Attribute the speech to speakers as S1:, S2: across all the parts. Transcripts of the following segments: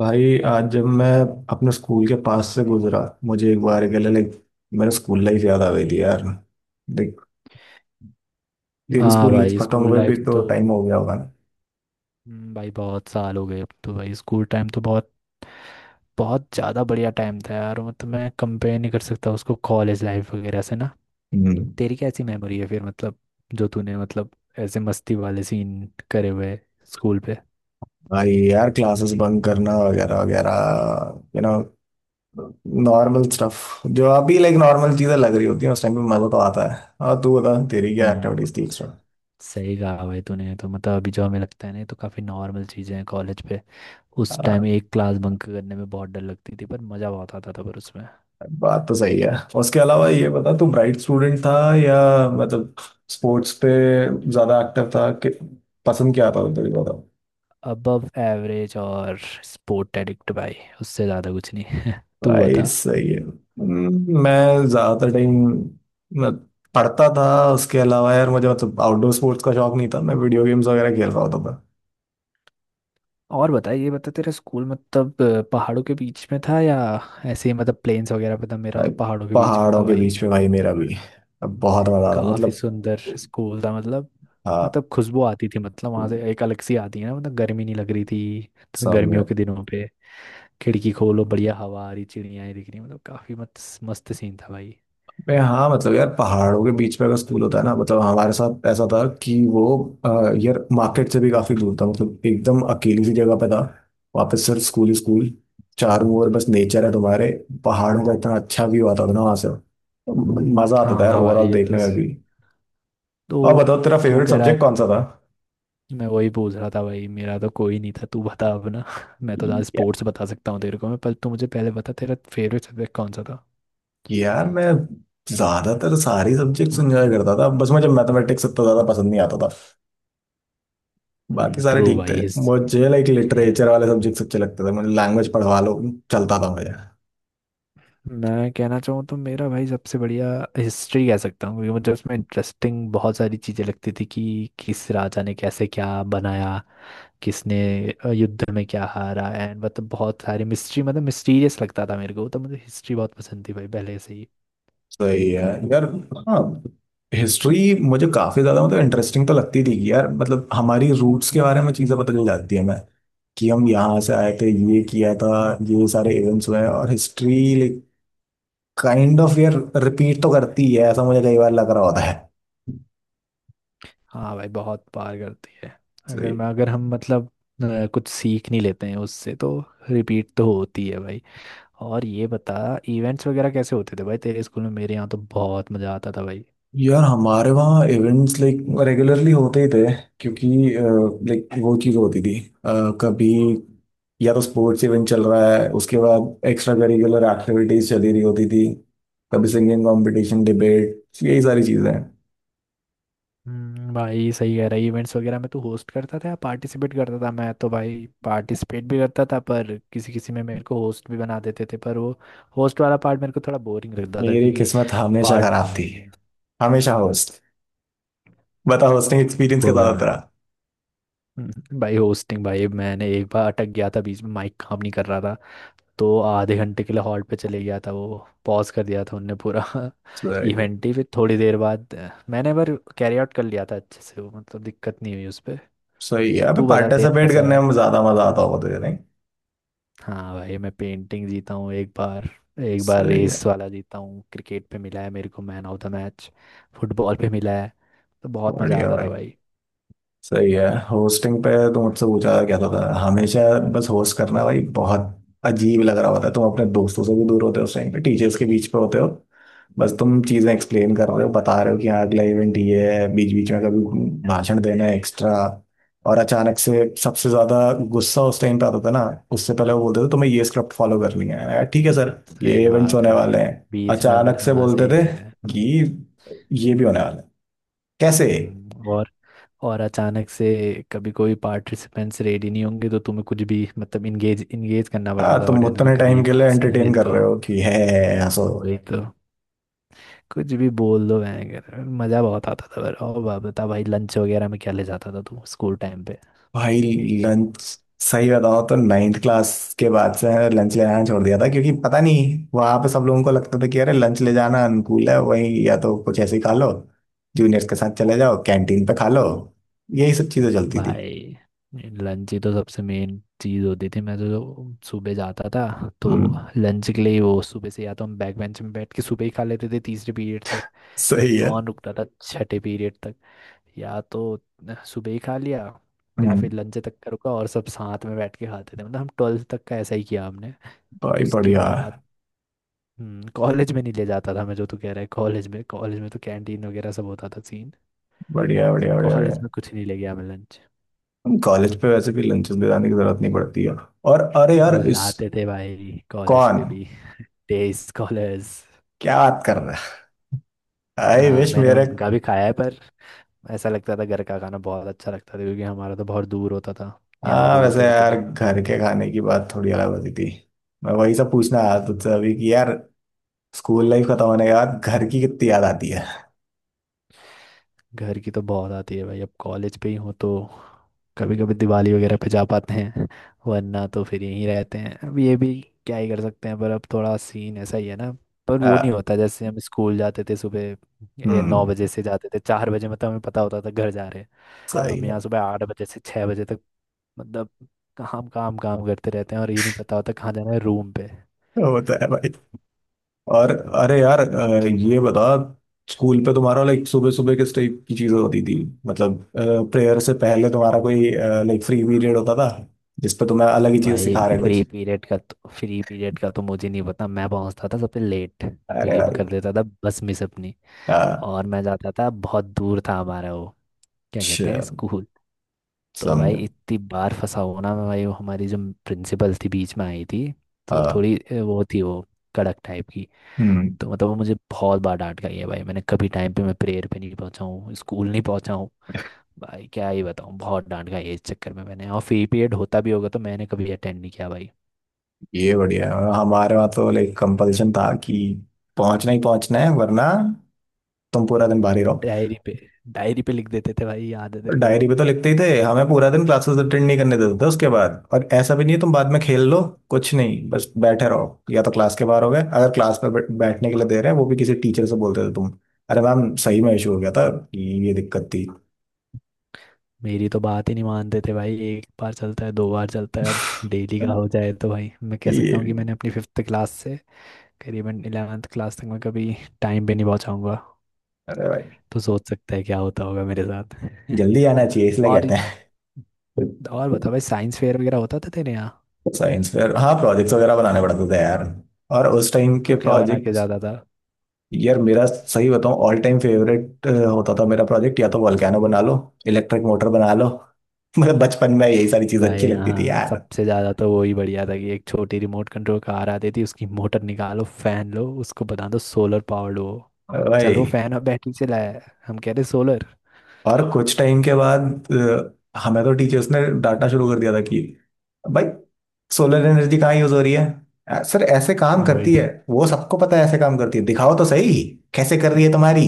S1: भाई आज जब मैं अपने स्कूल के पास से गुजरा मुझे एक बार के लिए लाइक मेरा स्कूल लाइफ याद आ गई थी यार। देख तेरी
S2: हाँ
S1: स्कूल लाइफ
S2: भाई,
S1: खत्म
S2: स्कूल
S1: हुए भी
S2: लाइफ
S1: तो
S2: तो
S1: टाइम हो गया होगा ना।
S2: भाई बहुत साल हो गए। अब तो भाई स्कूल टाइम तो बहुत बहुत ज़्यादा बढ़िया टाइम था यार। मतलब मैं कंपेयर नहीं कर सकता उसको कॉलेज लाइफ वगैरह से ना।
S1: हम्म।
S2: तेरी कैसी मेमोरी है फिर, मतलब जो तूने मतलब ऐसे मस्ती वाले सीन करे हुए स्कूल पे।
S1: भाई यार क्लासेस बंक करना वगैरह वगैरह यू नो नॉर्मल स्टफ। जो अभी लाइक नॉर्मल चीजें लग रही होती हैं उस टाइम पे मजा तो आता है। और तू बता तेरी क्या
S2: हम्म।
S1: एक्टिविटीज थी एक्स्ट्रा?
S2: सही कहा भाई तूने। तो मतलब अभी जो हमें लगता है ना, ये तो काफ़ी नॉर्मल चीज़ें हैं। कॉलेज पे उस टाइम एक क्लास बंक करने में बहुत डर लगती थी, पर मज़ा बहुत आता था पर उसमें।
S1: बात तो सही है। उसके अलावा ये बता तू ब्राइट स्टूडेंट था या मतलब स्पोर्ट्स पे ज्यादा एक्टिव था कि पसंद क्या था तेरे को बताओ।
S2: अबव एवरेज और स्पोर्ट एडिक्ट भाई, उससे ज़्यादा कुछ नहीं। तू
S1: भाई
S2: बता।
S1: सही है। मैं ज्यादातर टाइम पढ़ता था। उसके अलावा यार मुझे मतलब आउटडोर स्पोर्ट्स का शौक नहीं था, मैं वीडियो गेम्स वगैरह खेल रहा होता था।
S2: और बता, ये बता तेरा स्कूल मतलब पहाड़ों के बीच में था या ऐसे ही मतलब प्लेन्स वगैरह पे था? मेरा
S1: भाई
S2: तो पहाड़ों के बीच पे था
S1: पहाड़ों के
S2: भाई।
S1: बीच में, भाई मेरा भी। अब बहुत मजा आता
S2: काफ़ी
S1: मतलब।
S2: सुंदर स्कूल था मतलब।
S1: हाँ,
S2: मतलब खुशबू आती थी, मतलब वहाँ से एक अलग सी आती है ना। मतलब गर्मी नहीं लग रही थी तो
S1: समझ।
S2: गर्मियों के दिनों पे खिड़की खोलो, बढ़िया हवा आ रही, चिड़ियाँ दिख रही। मतलब काफ़ी मस्त मस्त सीन था भाई।
S1: मैं हाँ मतलब यार पहाड़ों के बीच में अगर स्कूल होता है ना, मतलब हमारे साथ ऐसा था कि वो अ, यार मार्केट से भी काफी दूर था, मतलब एकदम अकेली सी जगह पे था। वहाँ पे सिर्फ स्कूल ही स्कूल, चारों ओर बस नेचर है तुम्हारे। पहाड़ों का इतना अच्छा व्यू आता था ना वहाँ से। मजा आता
S2: हाँ
S1: था यार,
S2: हाँ भाई,
S1: ओवरऑल
S2: ये
S1: देखने
S2: तो
S1: में भी। और
S2: तो
S1: बताओ तेरा
S2: तू
S1: फेवरेट
S2: कह रहा।
S1: सब्जेक्ट कौन सा था?
S2: मैं वही पूछ रहा था भाई। मेरा तो कोई नहीं था, तू बता अब ना। मैं तो आज
S1: या-
S2: स्पोर्ट्स बता सकता हूँ तेरे को मैं, पर तू मुझे पहले बता तेरा फेवरेट सब्जेक्ट कौन सा था।
S1: यार मैं ज्यादातर सारे सब्जेक्ट्स एंजॉय करता था, बस मुझे मैथमेटिक्स इतना ज्यादा पसंद नहीं आता। बाकी
S2: हम्म,
S1: सारे
S2: ट्रू
S1: ठीक थे।
S2: भाई।
S1: मुझे लाइक
S2: हि-
S1: लिटरेचर वाले सब्जेक्ट अच्छे लगते थे, मुझे लैंग्वेज पढ़वा लो चलता था मुझे।
S2: मैं कहना चाहूँ तो मेरा भाई सबसे बढ़िया हिस्ट्री कह सकता हूँ, क्योंकि मुझे उसमें इंटरेस्टिंग बहुत सारी चीज़ें लगती थी कि किस राजा ने कैसे क्या बनाया, किसने युद्ध में क्या हारा एंड। मतलब बहुत सारी मिस्ट्री, मतलब मिस्टीरियस लगता था मेरे को, तो मुझे हिस्ट्री बहुत पसंद थी भाई पहले से ही।
S1: सही है यार। हाँ। हिस्ट्री मुझे काफी ज्यादा मतलब इंटरेस्टिंग तो लगती थी कि यार मतलब हमारी रूट्स के बारे में चीजें पता चल जाती है मैं, कि हम यहाँ से आए थे, ये किया था, ये सारे इवेंट्स हुए हैं। और हिस्ट्री लाइक काइंड ऑफ यार रिपीट तो करती है, ऐसा मुझे कई बार लग रहा होता है।
S2: हाँ भाई, बहुत पार करती है।
S1: सही।
S2: अगर हम मतलब कुछ सीख नहीं लेते हैं उससे तो रिपीट तो होती है भाई। और ये बता, इवेंट्स वगैरह कैसे होते थे भाई तेरे स्कूल में? मेरे यहाँ तो बहुत मज़ा आता था भाई।
S1: यार हमारे वहाँ इवेंट्स लाइक रेगुलरली होते ही थे, क्योंकि लाइक वो चीज़ होती थी अ, कभी या तो स्पोर्ट्स इवेंट चल रहा है, उसके बाद एक्स्ट्रा करिकुलर एक्टिविटीज चली रही होती थी। कभी सिंगिंग कंपटीशन डिबेट, यही सारी चीज़ें हैं।
S2: भाई सही कह रहा है। इवेंट्स वगैरह में तू होस्ट करता था या पार्टिसिपेट करता था? मैं तो भाई पार्टिसिपेट भी करता था, पर किसी किसी में मेरे को होस्ट भी बना देते थे। पर वो होस्ट वाला पार्ट मेरे को थोड़ा बोरिंग लगता था,
S1: मेरी
S2: क्योंकि
S1: किस्मत हमेशा
S2: पार्ट
S1: खराब थी, हमेशा होस्ट। बता होस्टिंग एक्सपीरियंस के
S2: कोई।
S1: साथ रहा?
S2: भाई होस्टिंग, भाई मैंने एक बार अटक गया था बीच में। माइक काम नहीं कर रहा था तो आधे घंटे के लिए हॉल्ट पे चले गया था वो, पॉज कर दिया था उनने पूरा।
S1: सही।
S2: इवेंट ही फिर, थोड़ी देर बाद मैंने पर कैरी आउट कर लिया था अच्छे से वो, मतलब दिक्कत नहीं हुई उस पर।
S1: सही है। अबे
S2: तू बता तेरा
S1: पार्टिसिपेट
S2: कैसा
S1: करने
S2: रहा?
S1: में ज़्यादा मज़ा आता होगा तुझे नहीं?
S2: हाँ भाई, मैं पेंटिंग जीता हूँ एक बार, एक बार
S1: सही है।
S2: रेस वाला जीता हूँ, क्रिकेट पे मिला है मेरे को man of the match, football पे मिला है। तो बहुत मज़ा
S1: बढ़िया
S2: आता
S1: भाई।
S2: था भाई।
S1: सही है, होस्टिंग पे तो मुझसे पूछा क्या था हमेशा। बस होस्ट करना भाई बहुत अजीब लग रहा होता है। तुम अपने दोस्तों से भी दूर होते हो, उस टाइम पे टीचर्स के बीच पे होते हो। बस तुम चीजें एक्सप्लेन कर रहे हो, बता रहे हो कि हाँ अगला इवेंट ये है, बीच बीच में कभी भाषण देना है एक्स्ट्रा। और अचानक से सबसे ज्यादा गुस्सा उस टाइम पे आता था ना। उससे पहले वो बोलते थे तुम्हें ये स्क्रिप्ट फॉलो करनी है, मैंने कहा, ठीक है सर
S2: सही
S1: ये
S2: है,
S1: इवेंट्स
S2: बात है
S1: होने
S2: भाई।
S1: वाले हैं।
S2: बीच में अगर,
S1: अचानक से
S2: हाँ,
S1: बोलते
S2: सही
S1: थे
S2: कह रहे हैं।
S1: कि ये भी होने वाला है, कैसे?
S2: हम्म, और और अचानक से कभी कोई पार्टिसिपेंट्स रेडी नहीं होंगे तो तुम्हें कुछ भी, मतलब इंगेज इंगेज करना
S1: हाँ,
S2: पड़ता था
S1: तुम
S2: ऑडियंस को,
S1: उतने
S2: कभी
S1: टाइम
S2: एक
S1: के लिए
S2: भाषण दे
S1: एंटरटेन कर
S2: दो।
S1: रहे हो कि है, हंसो।
S2: वही तो, कुछ भी बोल दो। मैं कर, मज़ा बहुत आता था पर। और बता भाई, लंच वगैरह में क्या ले जाता था तू स्कूल टाइम पे?
S1: भाई लंच सही बताओ तो नाइन्थ क्लास के बाद से लंच ले जाना छोड़ दिया था, क्योंकि पता नहीं वहां पे सब लोगों को लगता था कि अरे लंच ले जाना अनुकूल है, वही या तो कुछ ऐसे ही खा लो, जूनियर्स के साथ चले जाओ कैंटीन पे खा लो, यही सब चीजें चलती थी।
S2: भाई लंच ही तो सबसे मेन चीज़ होती थी। मैं तो जो सुबह जाता था तो
S1: हम्म,
S2: लंच के लिए ही वो। सुबह से या तो हम बैक बेंच में बैठ के सुबह ही खा लेते थे तीसरे पीरियड तक।
S1: सही है।
S2: कौन रुकता था छठे पीरियड तक? या तो सुबह ही खा लिया, या फिर
S1: हम्म,
S2: लंच तक का रुका और सब साथ में बैठ के खाते थे। मतलब हम ट्वेल्थ तक का ऐसा ही किया हमने।
S1: भाई
S2: उसके
S1: बढ़िया
S2: बाद कॉलेज में नहीं ले जाता था मैं, जो तू कह रहा है। कॉलेज में तो कैंटीन वगैरह सब होता था सीन।
S1: बढ़िया बढ़िया बढ़िया बढ़िया।
S2: कॉलेज में कुछ नहीं ले गया मैं लंच।
S1: कॉलेज पे वैसे भी लंचेस ले जाने की जरूरत नहीं पड़ती है। और अरे यार इस
S2: लाते थे भाई कॉलेज
S1: कौन?
S2: पे भी डे स्कॉलर्स।
S1: क्या बात कर रहा है? आई
S2: हाँ
S1: विश
S2: मैंने
S1: मेरे।
S2: उनका भी खाया है, पर ऐसा लगता था घर का खाना बहुत अच्छा लगता था, क्योंकि हमारा तो बहुत दूर होता था। याद
S1: हाँ
S2: होगा
S1: वैसे
S2: तेरे को
S1: यार
S2: भी।
S1: घर के खाने की बात थोड़ी अलग होती थी। मैं वही सब पूछना आया तुझसे
S2: हम्म।
S1: अभी कि यार स्कूल लाइफ खत्म होने के बाद घर की कितनी याद आती है।
S2: घर की तो बहुत आती है भाई। अब कॉलेज पे ही हो तो कभी कभी दिवाली वगैरह पे जा पाते हैं, वरना तो फिर यहीं रहते हैं। अब ये भी क्या ही कर सकते हैं? पर अब थोड़ा सीन ऐसा ही है ना। पर वो नहीं
S1: हाँ,
S2: होता जैसे हम स्कूल जाते थे सुबह। ये नौ
S1: हम्म,
S2: बजे से जाते थे, 4 बजे मतलब हमें पता होता था घर जा रहे हैं।
S1: सही
S2: हम यहाँ
S1: है।
S2: सुबह 8 बजे से 6 बजे तक, मतलब काम काम काम करते रहते हैं और ये नहीं पता होता कहाँ जाना है रूम पे।
S1: वो तो है भाई। और अरे यार ये बता स्कूल पे तुम्हारा लाइक सुबह सुबह किस टाइप की चीजें होती थी, मतलब प्रेयर से पहले तुम्हारा कोई लाइक फ्री पीरियड होता था जिसपे तुम्हें अलग ही चीजें
S2: भाई
S1: सिखा रहे कुछ।
S2: फ्री पीरियड का तो मुझे नहीं पता। मैं पहुंचता था सबसे लेट,
S1: अरे
S2: क्योंकि मैं
S1: भाई।
S2: कर देता था बस मिस अपनी।
S1: हाँ,
S2: और मैं जाता था, बहुत दूर था हमारा वो, क्या कहते
S1: अच्छा,
S2: हैं, स्कूल। तो भाई
S1: समझो।
S2: इतनी बार फंसा हुआ ना मैं भाई। वो हमारी जो प्रिंसिपल थी बीच में आई थी, तो
S1: हाँ।
S2: थोड़ी वो थी वो, कड़क टाइप की।
S1: हम्म।
S2: तो मतलब वो मुझे बहुत बार डांट गई है भाई। मैंने कभी टाइम पे, मैं प्रेयर पे नहीं पहुंचा हूँ, स्कूल नहीं पहुंचा हूँ। भाई क्या ही बताऊँ, बहुत डांट गई है इस चक्कर में मैंने। और फ्री पीरियड होता भी होगा तो मैंने कभी अटेंड नहीं किया भाई।
S1: ये बढ़िया है। हमारे वहाँ तो लाइक कंपल्सन था कि पहुंचना ही पहुंचना है, वरना तुम पूरा दिन बाहर ही रहो।
S2: डायरी पे, डायरी पे लिख देते थे भाई, याद है तेरे को।
S1: डायरी पे तो लिखते ही थे, हमें पूरा दिन क्लासेस अटेंड नहीं करने देते थे उसके बाद। और ऐसा भी नहीं तुम बाद में खेल लो, कुछ नहीं बस बैठे रहो, या तो क्लास के बाहर हो गए, अगर क्लास में बैठने के लिए दे रहे हैं वो भी किसी टीचर से बोलते थे तुम, अरे मैम सही में इशू हो गया था, ये दिक्कत थी।
S2: मेरी तो बात ही नहीं मानते थे भाई। एक बार चलता है, दो बार चलता है, अब डेली का हो जाए तो भाई, मैं कह
S1: ये
S2: सकता हूँ
S1: भी
S2: कि
S1: है।
S2: मैंने अपनी फिफ्थ क्लास से करीबन 11th क्लास तक मैं कभी टाइम पे नहीं पहुँचाऊँगा।
S1: अरे भाई
S2: तो सोच सकता है क्या होता होगा मेरे साथ।
S1: जल्दी आना चाहिए इसलिए
S2: और
S1: कहते हैं।
S2: और बता भाई, साइंस फेयर वगैरह होता था तेरे यहाँ?
S1: साइंस फेयर, हाँ, प्रोजेक्ट्स वगैरह बनाने पड़ते थे यार। और उस टाइम के
S2: तू क्या बना के
S1: प्रोजेक्ट,
S2: जाता था?
S1: यार मेरा सही बताऊं ऑल टाइम फेवरेट होता था मेरा प्रोजेक्ट, या तो वोल्केनो बना लो, इलेक्ट्रिक मोटर बना लो। मतलब बचपन में यही सारी चीज
S2: भाई
S1: अच्छी लगती थी
S2: हाँ,
S1: यार।
S2: सबसे ज़्यादा तो वही बढ़िया था कि एक छोटी रिमोट कंट्रोल कार आती थी, उसकी मोटर निकालो, फैन लो, उसको बता दो सोलर पावर्ड हो। चल,
S1: भाई।
S2: वो फैन अब बैटरी से लाया है, हम कह रहे सोलर।
S1: और कुछ टाइम के बाद हमें तो टीचर्स ने डांटना शुरू कर दिया था कि भाई सोलर एनर्जी कहाँ यूज हो रही है। सर ऐसे काम
S2: वही
S1: करती है
S2: तो।
S1: वो सबको पता है, ऐसे काम करती है दिखाओ तो सही, कैसे कर रही है तुम्हारी?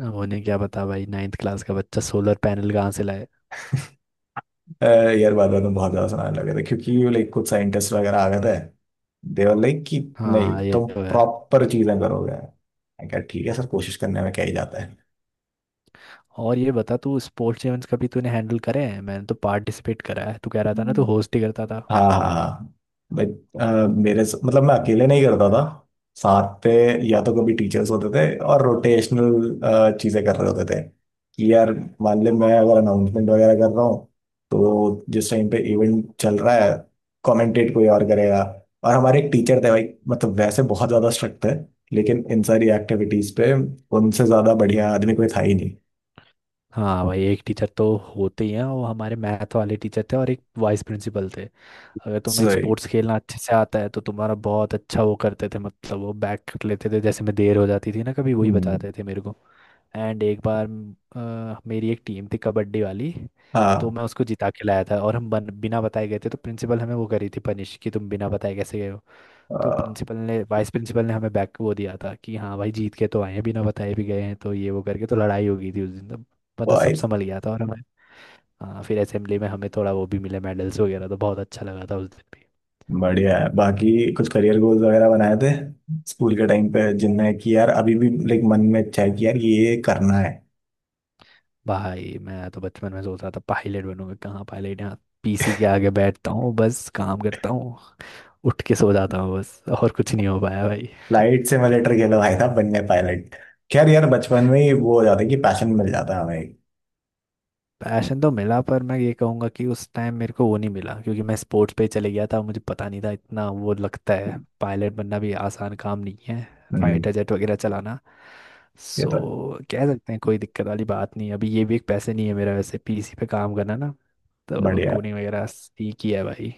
S2: अब उन्हें क्या बता भाई, नाइन्थ क्लास का बच्चा सोलर पैनल कहाँ से लाए?
S1: अ, यार बाद में तो बहुत ज्यादा सुनाने लगे थे, क्योंकि लाइक कुछ साइंटिस्ट वगैरह आ गए थे देवर लाइक कि नहीं
S2: हाँ ये
S1: तुम
S2: तो है।
S1: प्रॉपर चीजें करोगे, मैं कहा ठीक है सर कोशिश करने में क्या ही जाता है।
S2: और ये बता, तू स्पोर्ट्स इवेंट्स कभी तूने हैंडल करे हैं? मैंने तो पार्टिसिपेट करा है, तू कह रहा था ना तू होस्ट ही करता था।
S1: हाँ, हाँ, हाँ। भाई मेरे मतलब मैं अकेले नहीं करता था, साथ पे या तो कभी टीचर्स होते थे और रोटेशनल चीजें कर रहे होते थे कि यार मान ले मैं अगर अनाउंसमेंट वगैरह कर रहा हूँ, तो जिस टाइम पे इवेंट चल रहा है कमेंटेट कोई और करेगा। और हमारे एक टीचर थे भाई, मतलब वैसे बहुत ज्यादा स्ट्रिक्ट थे, लेकिन इन सारी एक्टिविटीज पे उनसे ज्यादा बढ़िया आदमी कोई था ही नहीं।
S2: हाँ भाई, एक टीचर तो होते ही हैं। वो हमारे मैथ वाले टीचर थे और एक वाइस प्रिंसिपल थे। अगर तुम्हें
S1: सही।
S2: स्पोर्ट्स खेलना अच्छे से आता है तो तुम्हारा बहुत अच्छा वो करते थे, मतलब वो बैक कर लेते थे। जैसे मैं देर हो जाती थी ना कभी, वही
S1: हम्म।
S2: बताते थे मेरे को। एंड एक बार मेरी एक टीम थी कबड्डी वाली। तो
S1: हाँ।
S2: मैं उसको जिता के लाया था, और हम बिना बताए गए थे, तो प्रिंसिपल हमें वो करी थी पनिश, कि तुम बिना बताए कैसे गए। तो प्रिंसिपल ने वाइस प्रिंसिपल ने हमें बैक वो दिया था कि हाँ भाई जीत के तो आए हैं, बिना बताए भी गए हैं। तो ये वो करके तो लड़ाई हो गई थी उस दिन तो। मतलब सब संभल गया था, और हमें, हाँ, फिर असेंबली में हमें थोड़ा वो भी मिले मेडल्स वगैरह। तो बहुत अच्छा लगा था उस दिन भी।
S1: बढ़िया है, बाकी कुछ करियर गोल्स वगैरह बनाए थे स्कूल के टाइम पे जिनमें कि यार अभी भी लाइक मन में इच्छा है कि यार ये करना है?
S2: भाई मैं तो बचपन में सोच रहा था पायलट बनूंगा। कहाँ पायलट, यहाँ पीसी के आगे बैठता हूँ, बस काम करता हूँ, उठ के सो जाता हूँ बस। और कुछ नहीं हो पाया भाई।
S1: फ्लाइट सिमुलेटर खेलो भाई साहब बनने पायलट। खैर यार बचपन में ही वो हो जाता है कि पैशन मिल जाता है हमें।
S2: पैशन तो मिला, पर मैं ये कहूँगा कि उस टाइम मेरे को वो नहीं मिला, क्योंकि मैं स्पोर्ट्स पे चले गया था। मुझे पता नहीं था इतना वो। लगता है पायलट बनना भी आसान काम नहीं है,
S1: हम्म।
S2: फाइटर जेट वगैरह चलाना।
S1: ये तो
S2: सो कह सकते हैं कोई दिक्कत वाली बात नहीं है अभी। ये भी एक पैसे नहीं है मेरा वैसे, पीसी पे काम करना ना। तो
S1: बढ़िया है,
S2: कोडिंग वगैरह सीखी है भाई।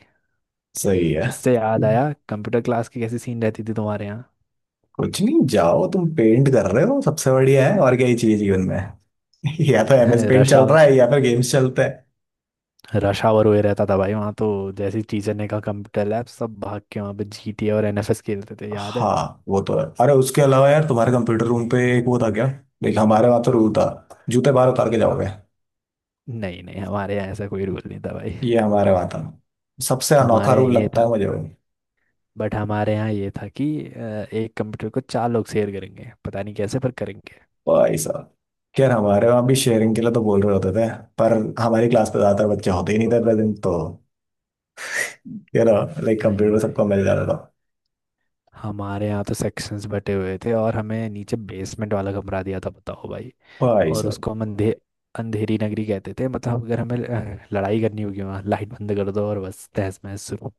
S1: सही है।
S2: इससे याद आया, कंप्यूटर क्लास की कैसी सीन रहती थी तुम्हारे यहाँ?
S1: कुछ नहीं जाओ, तुम पेंट कर रहे हो सबसे बढ़िया है, और क्या ही चाहिए जीवन में। या तो एमएस पेंट
S2: रश
S1: चल
S2: आवर,
S1: रहा है या फिर गेम्स चलते।
S2: रश आवर हुए रहता था भाई वहाँ तो। जैसे ही टीचर ने कहा कंप्यूटर लैब, सब भाग के वहाँ पे जीटीए और एनएफएस खेलते थे, याद है?
S1: हाँ वो तो है। अरे उसके अलावा यार तुम्हारे कंप्यूटर रूम पे एक वो था क्या? देख हमारे वहां तो रूल था, जूते बाहर उतार के जाओगे।
S2: नहीं नहीं, हमारे यहाँ ऐसा कोई रूल नहीं था भाई।
S1: ये हमारे वहां था, सबसे अनोखा
S2: हमारे
S1: रूल
S2: यहाँ ये
S1: लगता
S2: था
S1: है मुझे वो।
S2: बट हमारे यहाँ ये था कि एक कंप्यूटर को चार लोग शेयर करेंगे, पता नहीं कैसे पर करेंगे।
S1: भाई साहब, यार हमारे वहां भी शेयरिंग के लिए तो बोल रहे होते थे, पर हमारी क्लास पे ज्यादातर बच्चे होते ही नहीं थे प्रेजेंट, तो यार लाइक
S2: नहीं
S1: कंप्यूटर सबको
S2: भाई,
S1: मिल जाता था।
S2: हमारे यहाँ तो सेक्शंस बटे हुए थे, और हमें नीचे बेसमेंट वाला कमरा दिया था, बताओ भाई।
S1: भाई
S2: और
S1: साहब
S2: उसको हम अंधेरी नगरी कहते थे। मतलब अगर हमें लड़ाई करनी होगी, वहाँ लाइट बंद कर दो और बस तहस महस शुरू।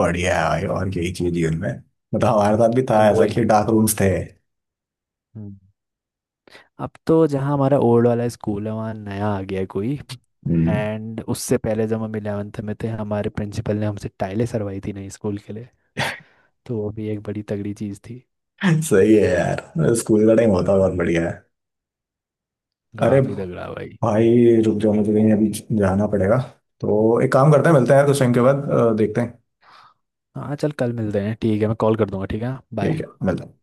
S1: बढ़िया है भाई। और यही चीज जीवन में, मतलब हमारे साथ भी था
S2: मतलब
S1: ऐसा
S2: वही।
S1: कि डार्क रूम्स थे।
S2: हम्म। अब तो जहाँ हमारा ओल्ड वाला स्कूल है वहाँ नया आ गया है कोई।
S1: हम्म।
S2: एंड उससे पहले जब हम 11th में थे, हमारे प्रिंसिपल ने हमसे टाइलें सरवाई थी नई स्कूल के लिए। तो वो भी एक बड़ी तगड़ी चीज़ थी।
S1: सही है यार, स्कूल का टाइम होता बहुत बढ़िया है। अरे
S2: काफ़ी तगड़ा भाई।
S1: भाई रुक जाओ, मुझे कहीं अभी जाना पड़ेगा। तो एक काम करते हैं, मिलते हैं यार कुछ टाइम के बाद, देखते हैं।
S2: हाँ चल, कल मिलते हैं, ठीक है। मैं कॉल कर दूंगा, ठीक है,
S1: ठीक
S2: बाय।
S1: है, मिलते हैं।